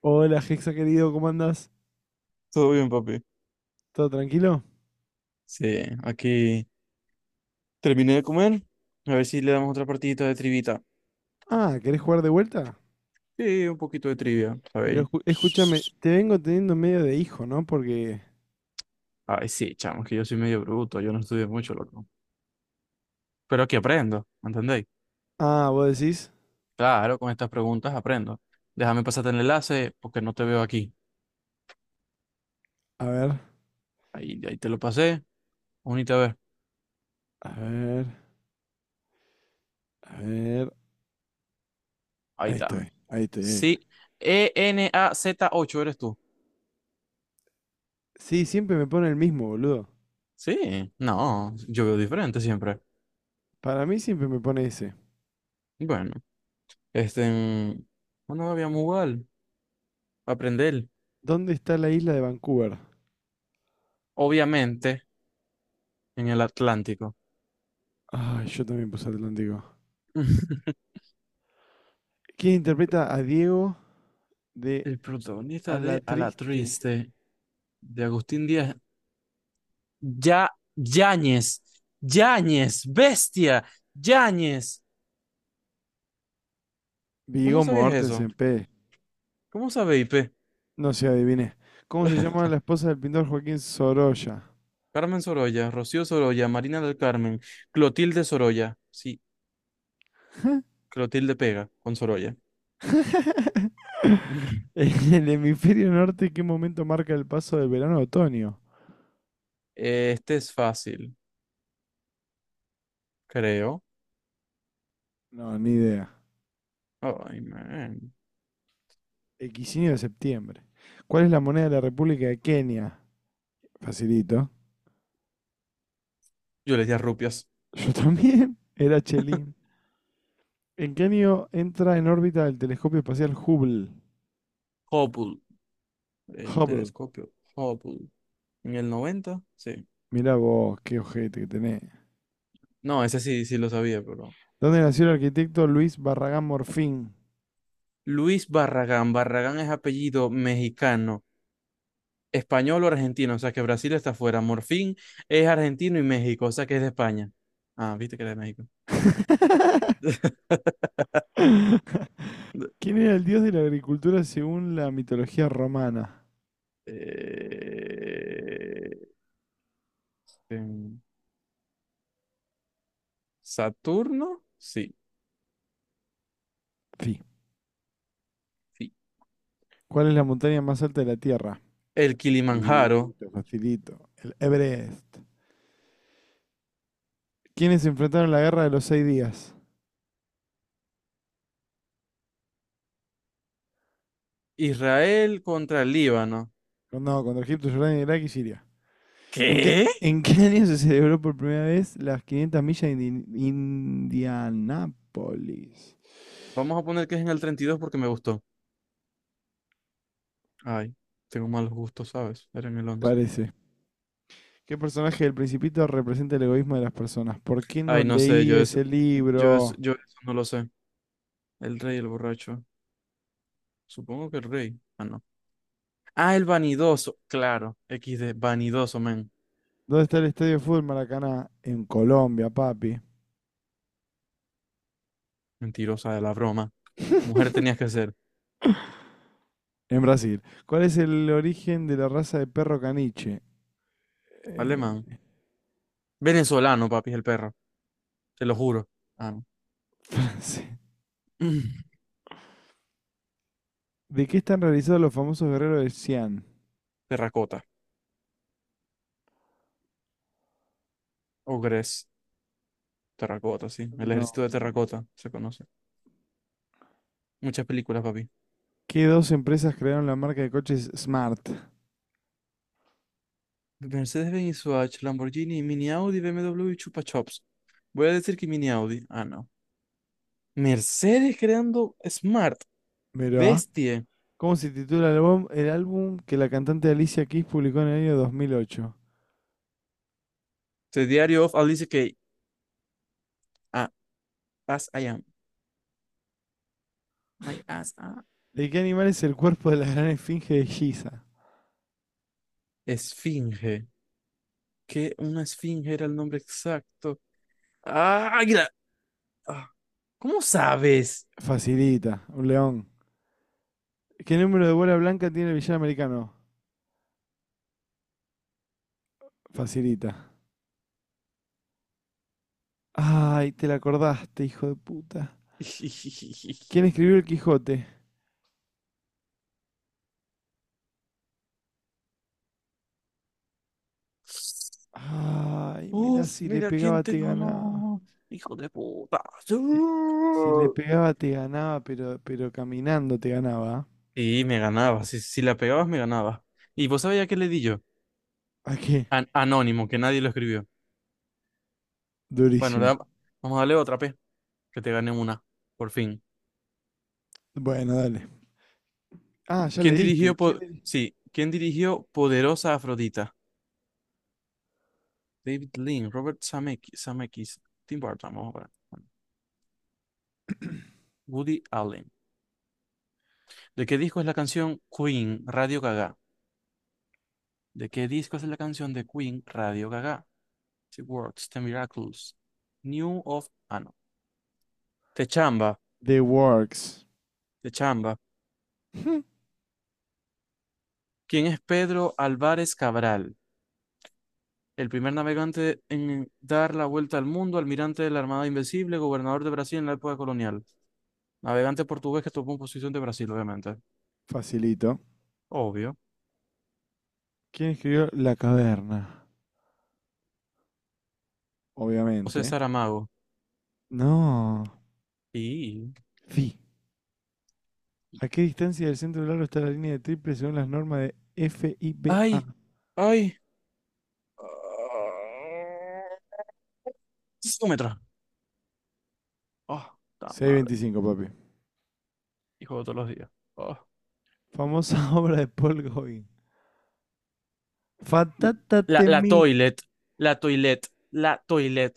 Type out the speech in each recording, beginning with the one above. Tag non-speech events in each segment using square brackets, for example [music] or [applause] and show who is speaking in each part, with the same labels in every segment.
Speaker 1: Hola, Hexa querido, ¿cómo andas?
Speaker 2: Todo bien, papi.
Speaker 1: ¿Todo tranquilo?
Speaker 2: Sí, aquí terminé de comer. A ver si le damos otra partidita de trivita.
Speaker 1: Ah, ¿querés jugar de vuelta?
Speaker 2: Sí, un poquito de trivia,
Speaker 1: Pero
Speaker 2: ¿sabéis?
Speaker 1: escúchame, te vengo teniendo medio de hijo, ¿no? Porque...
Speaker 2: Ay, sí, chamo, que yo soy medio bruto, yo no estudié mucho, loco. Pero aquí aprendo, ¿me entendéis?
Speaker 1: Ah, vos decís...
Speaker 2: Claro, con estas preguntas aprendo. Déjame pasarte el enlace porque no te veo aquí.
Speaker 1: A ver,
Speaker 2: Ahí te lo pasé. Únete a ver.
Speaker 1: a ver, a ver...
Speaker 2: Ahí
Speaker 1: Ahí
Speaker 2: está.
Speaker 1: estoy, ahí estoy, ahí estoy.
Speaker 2: Sí. ENAZ8 eres tú.
Speaker 1: Sí, siempre me pone el mismo, boludo.
Speaker 2: Sí. No, yo veo diferente siempre.
Speaker 1: Para mí siempre me pone ese.
Speaker 2: Bueno, este. mm, Bueno, habíamos jugar, aprender,
Speaker 1: ¿Dónde está la isla de Vancouver?
Speaker 2: obviamente, en el Atlántico.
Speaker 1: Ay, yo también puse Atlántico.
Speaker 2: [laughs]
Speaker 1: ¿Quién interpreta a Diego de
Speaker 2: El
Speaker 1: A
Speaker 2: protagonista
Speaker 1: la
Speaker 2: de A la
Speaker 1: Triste?
Speaker 2: Triste, de Agustín Díaz, ya, Yáñez, Yáñez, bestia, Yáñez. ¿Cómo
Speaker 1: Viggo
Speaker 2: sabías eso?
Speaker 1: Mortensen, P.
Speaker 2: ¿Cómo sabe IP?
Speaker 1: No sé, adiviné. ¿Cómo se llama la
Speaker 2: [laughs]
Speaker 1: esposa del pintor Joaquín Sorolla?
Speaker 2: Carmen Sorolla, Rocío Sorolla, Marina del Carmen, Clotilde Sorolla. Sí, Clotilde pega con Sorolla.
Speaker 1: [laughs]
Speaker 2: [laughs]
Speaker 1: En el hemisferio norte, ¿qué momento marca el paso del verano a otoño?
Speaker 2: Este es fácil, creo.
Speaker 1: No, ni idea.
Speaker 2: Ay, man.
Speaker 1: El de septiembre. ¿Cuál es la moneda de la República de Kenia? Facilito.
Speaker 2: Yo le di a rupias.
Speaker 1: [laughs] Yo también. Era Chelín. ¿En qué año entra en órbita el telescopio espacial Hubble?
Speaker 2: Hopul. El
Speaker 1: Hubble.
Speaker 2: telescopio Hubble. En el noventa, sí.
Speaker 1: Mirá vos, qué ojete que tenés.
Speaker 2: No, ese sí, sí lo sabía, pero.
Speaker 1: ¿Dónde nació el arquitecto Luis Barragán Morfín?
Speaker 2: Luis Barragán. Barragán es apellido mexicano, español o argentino, o sea que Brasil está fuera. Morfín es argentino y México, o sea que es de España. Ah, viste que era de México.
Speaker 1: [laughs]
Speaker 2: [laughs]
Speaker 1: ¿Quién era el dios de la agricultura según la mitología romana?
Speaker 2: Eh, em, Saturno, sí,
Speaker 1: Sí.
Speaker 2: sí.
Speaker 1: ¿Cuál es la montaña más alta de la Tierra?
Speaker 2: El Kilimanjaro.
Speaker 1: Facilito, facilito. El Everest. ¿Quiénes enfrentaron la guerra de los seis días?
Speaker 2: Israel contra el Líbano.
Speaker 1: No, no, contra Egipto, Jordania, Irak y Siria. ¿En qué,
Speaker 2: ¿Qué?
Speaker 1: en qué [laughs] año se celebró por primera vez las 500 millas de Indianápolis?
Speaker 2: Vamos a poner que es en el 32 porque me gustó. Ay, tengo malos gustos, ¿sabes? Era en el 11.
Speaker 1: Parece. ¿Qué personaje del Principito representa el egoísmo de las personas? ¿Por qué no
Speaker 2: Ay, no sé,
Speaker 1: leí ese libro?
Speaker 2: yo eso no lo sé. El rey, el borracho. Supongo que el rey. Ah, no. Ah, el vanidoso. Claro, equis de vanidoso, men.
Speaker 1: ¿Dónde está el estadio de fútbol Maracaná? En Colombia, papi.
Speaker 2: Mentirosa de la broma. Mujer tenías que ser.
Speaker 1: En Brasil. ¿Cuál es el origen de la raza de perro caniche?
Speaker 2: Alemán.
Speaker 1: Eh,
Speaker 2: Venezolano, papi, es el perro. Te lo juro. Ah, no.
Speaker 1: [laughs] francés.
Speaker 2: [clears throat]
Speaker 1: ¿De qué están realizados los famosos guerreros de Xi'an?
Speaker 2: Terracota. Ogres. Terracota, sí. El
Speaker 1: No.
Speaker 2: ejército de terracota se conoce. Muchas películas, papi.
Speaker 1: ¿Qué dos empresas crearon la marca de coches Smart?
Speaker 2: Mercedes-Benz, Swatch, Lamborghini, Mini Audi, BMW y Chupa Chups. Voy a decir que Mini Audi. Ah, no. Mercedes creando Smart.
Speaker 1: Mirá.
Speaker 2: Bestie.
Speaker 1: ¿Cómo se titula el álbum que la cantante Alicia Keys publicó en el año 2008?
Speaker 2: The Diary of Alice Kay. Ah, as I am. My ass. Ah.
Speaker 1: ¿De qué animal es el cuerpo de la gran esfinge de Giza?
Speaker 2: Esfinge. Que una esfinge era el nombre exacto. Ah, águila. Ah, ¿cómo sabes?
Speaker 1: Facilita, un león. ¿Qué número de bola blanca tiene el villano americano? Facilita. Ay, te la acordaste, hijo de puta.
Speaker 2: [laughs]
Speaker 1: ¿Quién escribió el Quijote? Ay, mirá,
Speaker 2: Uf,
Speaker 1: si le
Speaker 2: mira quién
Speaker 1: pegaba
Speaker 2: te
Speaker 1: te ganaba.
Speaker 2: ganó. Hijo de puta.
Speaker 1: Si, si le pegaba te ganaba, pero, caminando te ganaba.
Speaker 2: Y me ganaba. Si la pegabas, me ganaba. ¿Y vos sabías qué le di yo?
Speaker 1: ¿A qué?
Speaker 2: Anónimo, que nadie lo escribió. Bueno,
Speaker 1: Durísimo.
Speaker 2: vamos a darle otra P, que te gané una, por fin.
Speaker 1: Bueno, dale. Ah, ya le
Speaker 2: ¿Quién
Speaker 1: diste.
Speaker 2: dirigió,
Speaker 1: ¿Quién
Speaker 2: po-
Speaker 1: le?
Speaker 2: sí, ¿quién dirigió Poderosa Afrodita? David Lean, Robert Zemeckis, Tim Burton, vamos a ver. Bueno, Woody Allen. ¿De qué disco es la canción Queen, Radio Gaga? ¿De qué disco es la canción de Queen, Radio Gaga? The Works, The Miracles, New of... Ah, no. Te chamba,
Speaker 1: The Works.
Speaker 2: te chamba.
Speaker 1: [laughs]
Speaker 2: ¿Quién es Pedro Álvarez Cabral? El primer navegante en dar la vuelta al mundo, almirante de la Armada Invencible, gobernador de Brasil en la época colonial. Navegante portugués que tomó posición de Brasil, obviamente.
Speaker 1: Facilito.
Speaker 2: Obvio.
Speaker 1: ¿Quién escribió La Caverna?
Speaker 2: José
Speaker 1: Obviamente.
Speaker 2: Saramago.
Speaker 1: No.
Speaker 2: Y...
Speaker 1: Sí. ¿A qué distancia del centro del aro está la línea de triple según las normas de
Speaker 2: ¡Ay!
Speaker 1: FIBA?
Speaker 2: ¡Ay! Súmetra. ¡Oh, la
Speaker 1: Seiscientos
Speaker 2: madre!
Speaker 1: veinticinco, papi.
Speaker 2: Hijo de todos los días. Oh.
Speaker 1: Famosa [laughs] obra de Paul Gauguin. Fatata
Speaker 2: La
Speaker 1: temi...
Speaker 2: toilet. La toilet. La toilet.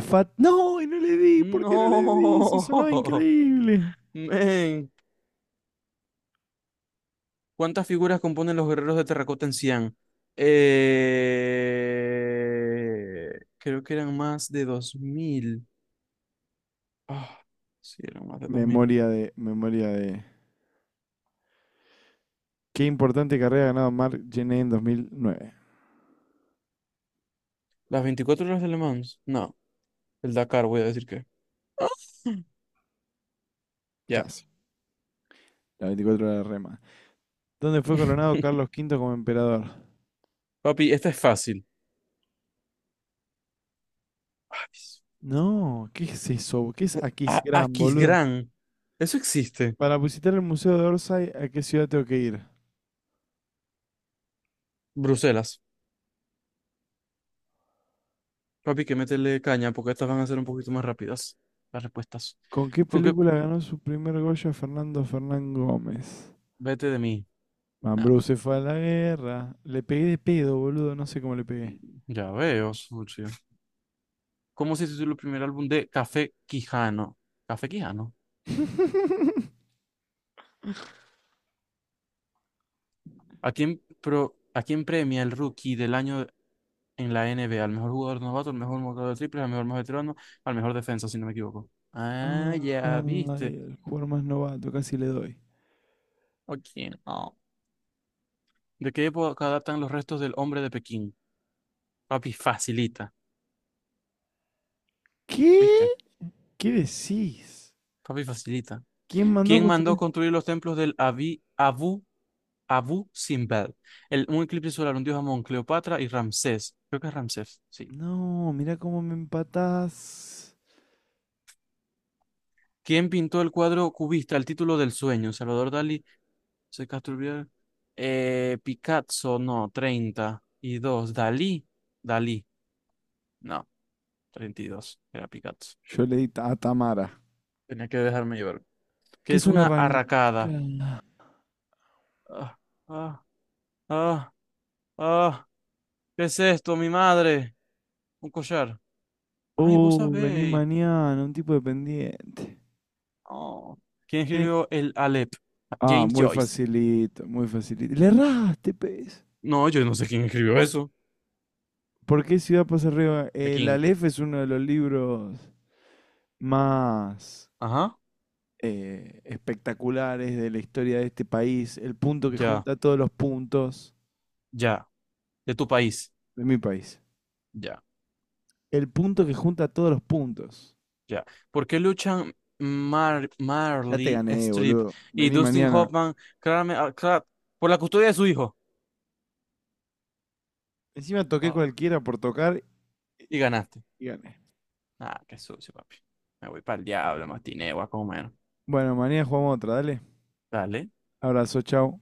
Speaker 1: Fat... No, y no le di. ¿Por qué no le di? Si sonaba
Speaker 2: No.
Speaker 1: increíble.
Speaker 2: [laughs] Men. ¿Cuántas figuras componen los guerreros de terracota en Xi'an? Eh, Creo que eran más de 2000. Ah, sí, eran más de 2000.
Speaker 1: Memoria de. Qué importante carrera ha ganado Mark Gené en 2009.
Speaker 2: ¿Las 24 horas de Le Mans? No, el Dakar, voy a decir que. Ah, ya.
Speaker 1: Casi. La 24 de rema. ¿Dónde fue coronado
Speaker 2: [laughs]
Speaker 1: Carlos V como emperador?
Speaker 2: Papi, esta es fácil. Ay,
Speaker 1: No, ¿qué es eso? ¿Qué es
Speaker 2: a
Speaker 1: Aquisgrán, boludo?
Speaker 2: Aquisgrán. Eso existe.
Speaker 1: Para visitar el Museo de Orsay, ¿a qué ciudad tengo que ir?
Speaker 2: Bruselas. Papi, que métele caña porque estas van a ser un poquito más rápidas. Las respuestas.
Speaker 1: ¿Con qué
Speaker 2: Con que
Speaker 1: película ganó su primer Goya Fernando Fernán Gómez?
Speaker 2: vete de mí. No.
Speaker 1: Mambrú se fue a la guerra. Le pegué de pedo, boludo. No sé cómo le pegué.
Speaker 2: Ya veo, Suchi. ¿Cómo se tituló el primer álbum de Café Quijano? Café Quijano.
Speaker 1: [laughs]
Speaker 2: ¿A quién premia el rookie del año en la NBA? ¿Al mejor jugador novato, al mejor jugador de triples, al mejor más veterano, al mejor defensa, si no me equivoco? Ah, ya viste.
Speaker 1: Ay, el jugador más novato, casi le doy.
Speaker 2: Ok, no. ¿De qué época datan los restos del hombre de Pekín? Papi, facilita.
Speaker 1: ¿Qué?
Speaker 2: ¿Viste?
Speaker 1: ¿Qué decís?
Speaker 2: Papi, facilita.
Speaker 1: ¿Quién mandó a
Speaker 2: ¿Quién mandó
Speaker 1: construir?
Speaker 2: construir los templos del Abu Simbel? El, un eclipse solar, un dios Amón, Cleopatra y Ramsés. Creo que es Ramsés, sí.
Speaker 1: No, mirá cómo me empatás.
Speaker 2: ¿Quién pintó el cuadro cubista, El título del sueño? Salvador Dalí, José Castro Urbiaga, Picasso, no, 30 y 2. Dalí, Dalí, no, Treinta y dos, era Picasso.
Speaker 1: Yo le di a Tamara.
Speaker 2: Tenía que dejarme llevar. ¿Qué
Speaker 1: ¿Qué
Speaker 2: es
Speaker 1: es un
Speaker 2: una
Speaker 1: arranca?
Speaker 2: arracada? Ah, ah, ah, ah. ¿Qué es esto, mi madre? Un collar. Ay, vos
Speaker 1: Oh, vení
Speaker 2: sabéis.
Speaker 1: mañana, un tipo dependiente.
Speaker 2: Oh. ¿Quién
Speaker 1: ¿Quién es?
Speaker 2: escribió el Aleph?
Speaker 1: Ah,
Speaker 2: James
Speaker 1: muy
Speaker 2: Joyce.
Speaker 1: facilito, muy facilito. Le erraste, pez.
Speaker 2: No, yo no sé quién escribió eso.
Speaker 1: ¿Por qué Ciudad pasa arriba?
Speaker 2: ¿De
Speaker 1: El
Speaker 2: quién?
Speaker 1: Aleph es uno de los libros más
Speaker 2: Ajá.
Speaker 1: espectaculares de la historia de este país. El punto que
Speaker 2: Ya,
Speaker 1: junta todos los puntos
Speaker 2: ya. De tu país.
Speaker 1: de mi país.
Speaker 2: Ya.
Speaker 1: El punto que junta todos los puntos.
Speaker 2: Ya. ¿Por qué luchan
Speaker 1: Ya te
Speaker 2: Marley
Speaker 1: gané,
Speaker 2: Strip
Speaker 1: boludo.
Speaker 2: y
Speaker 1: Vení
Speaker 2: Dustin
Speaker 1: mañana.
Speaker 2: Hoffman claramente, por la custodia de su hijo?
Speaker 1: Encima toqué
Speaker 2: Ah,
Speaker 1: cualquiera por tocar y
Speaker 2: y ganaste.
Speaker 1: y gané.
Speaker 2: Ah, qué sucio, papi. Me voy para el diablo, matineo a comer.
Speaker 1: Bueno, mañana jugamos otra, dale.
Speaker 2: Dale.
Speaker 1: Abrazo, chao.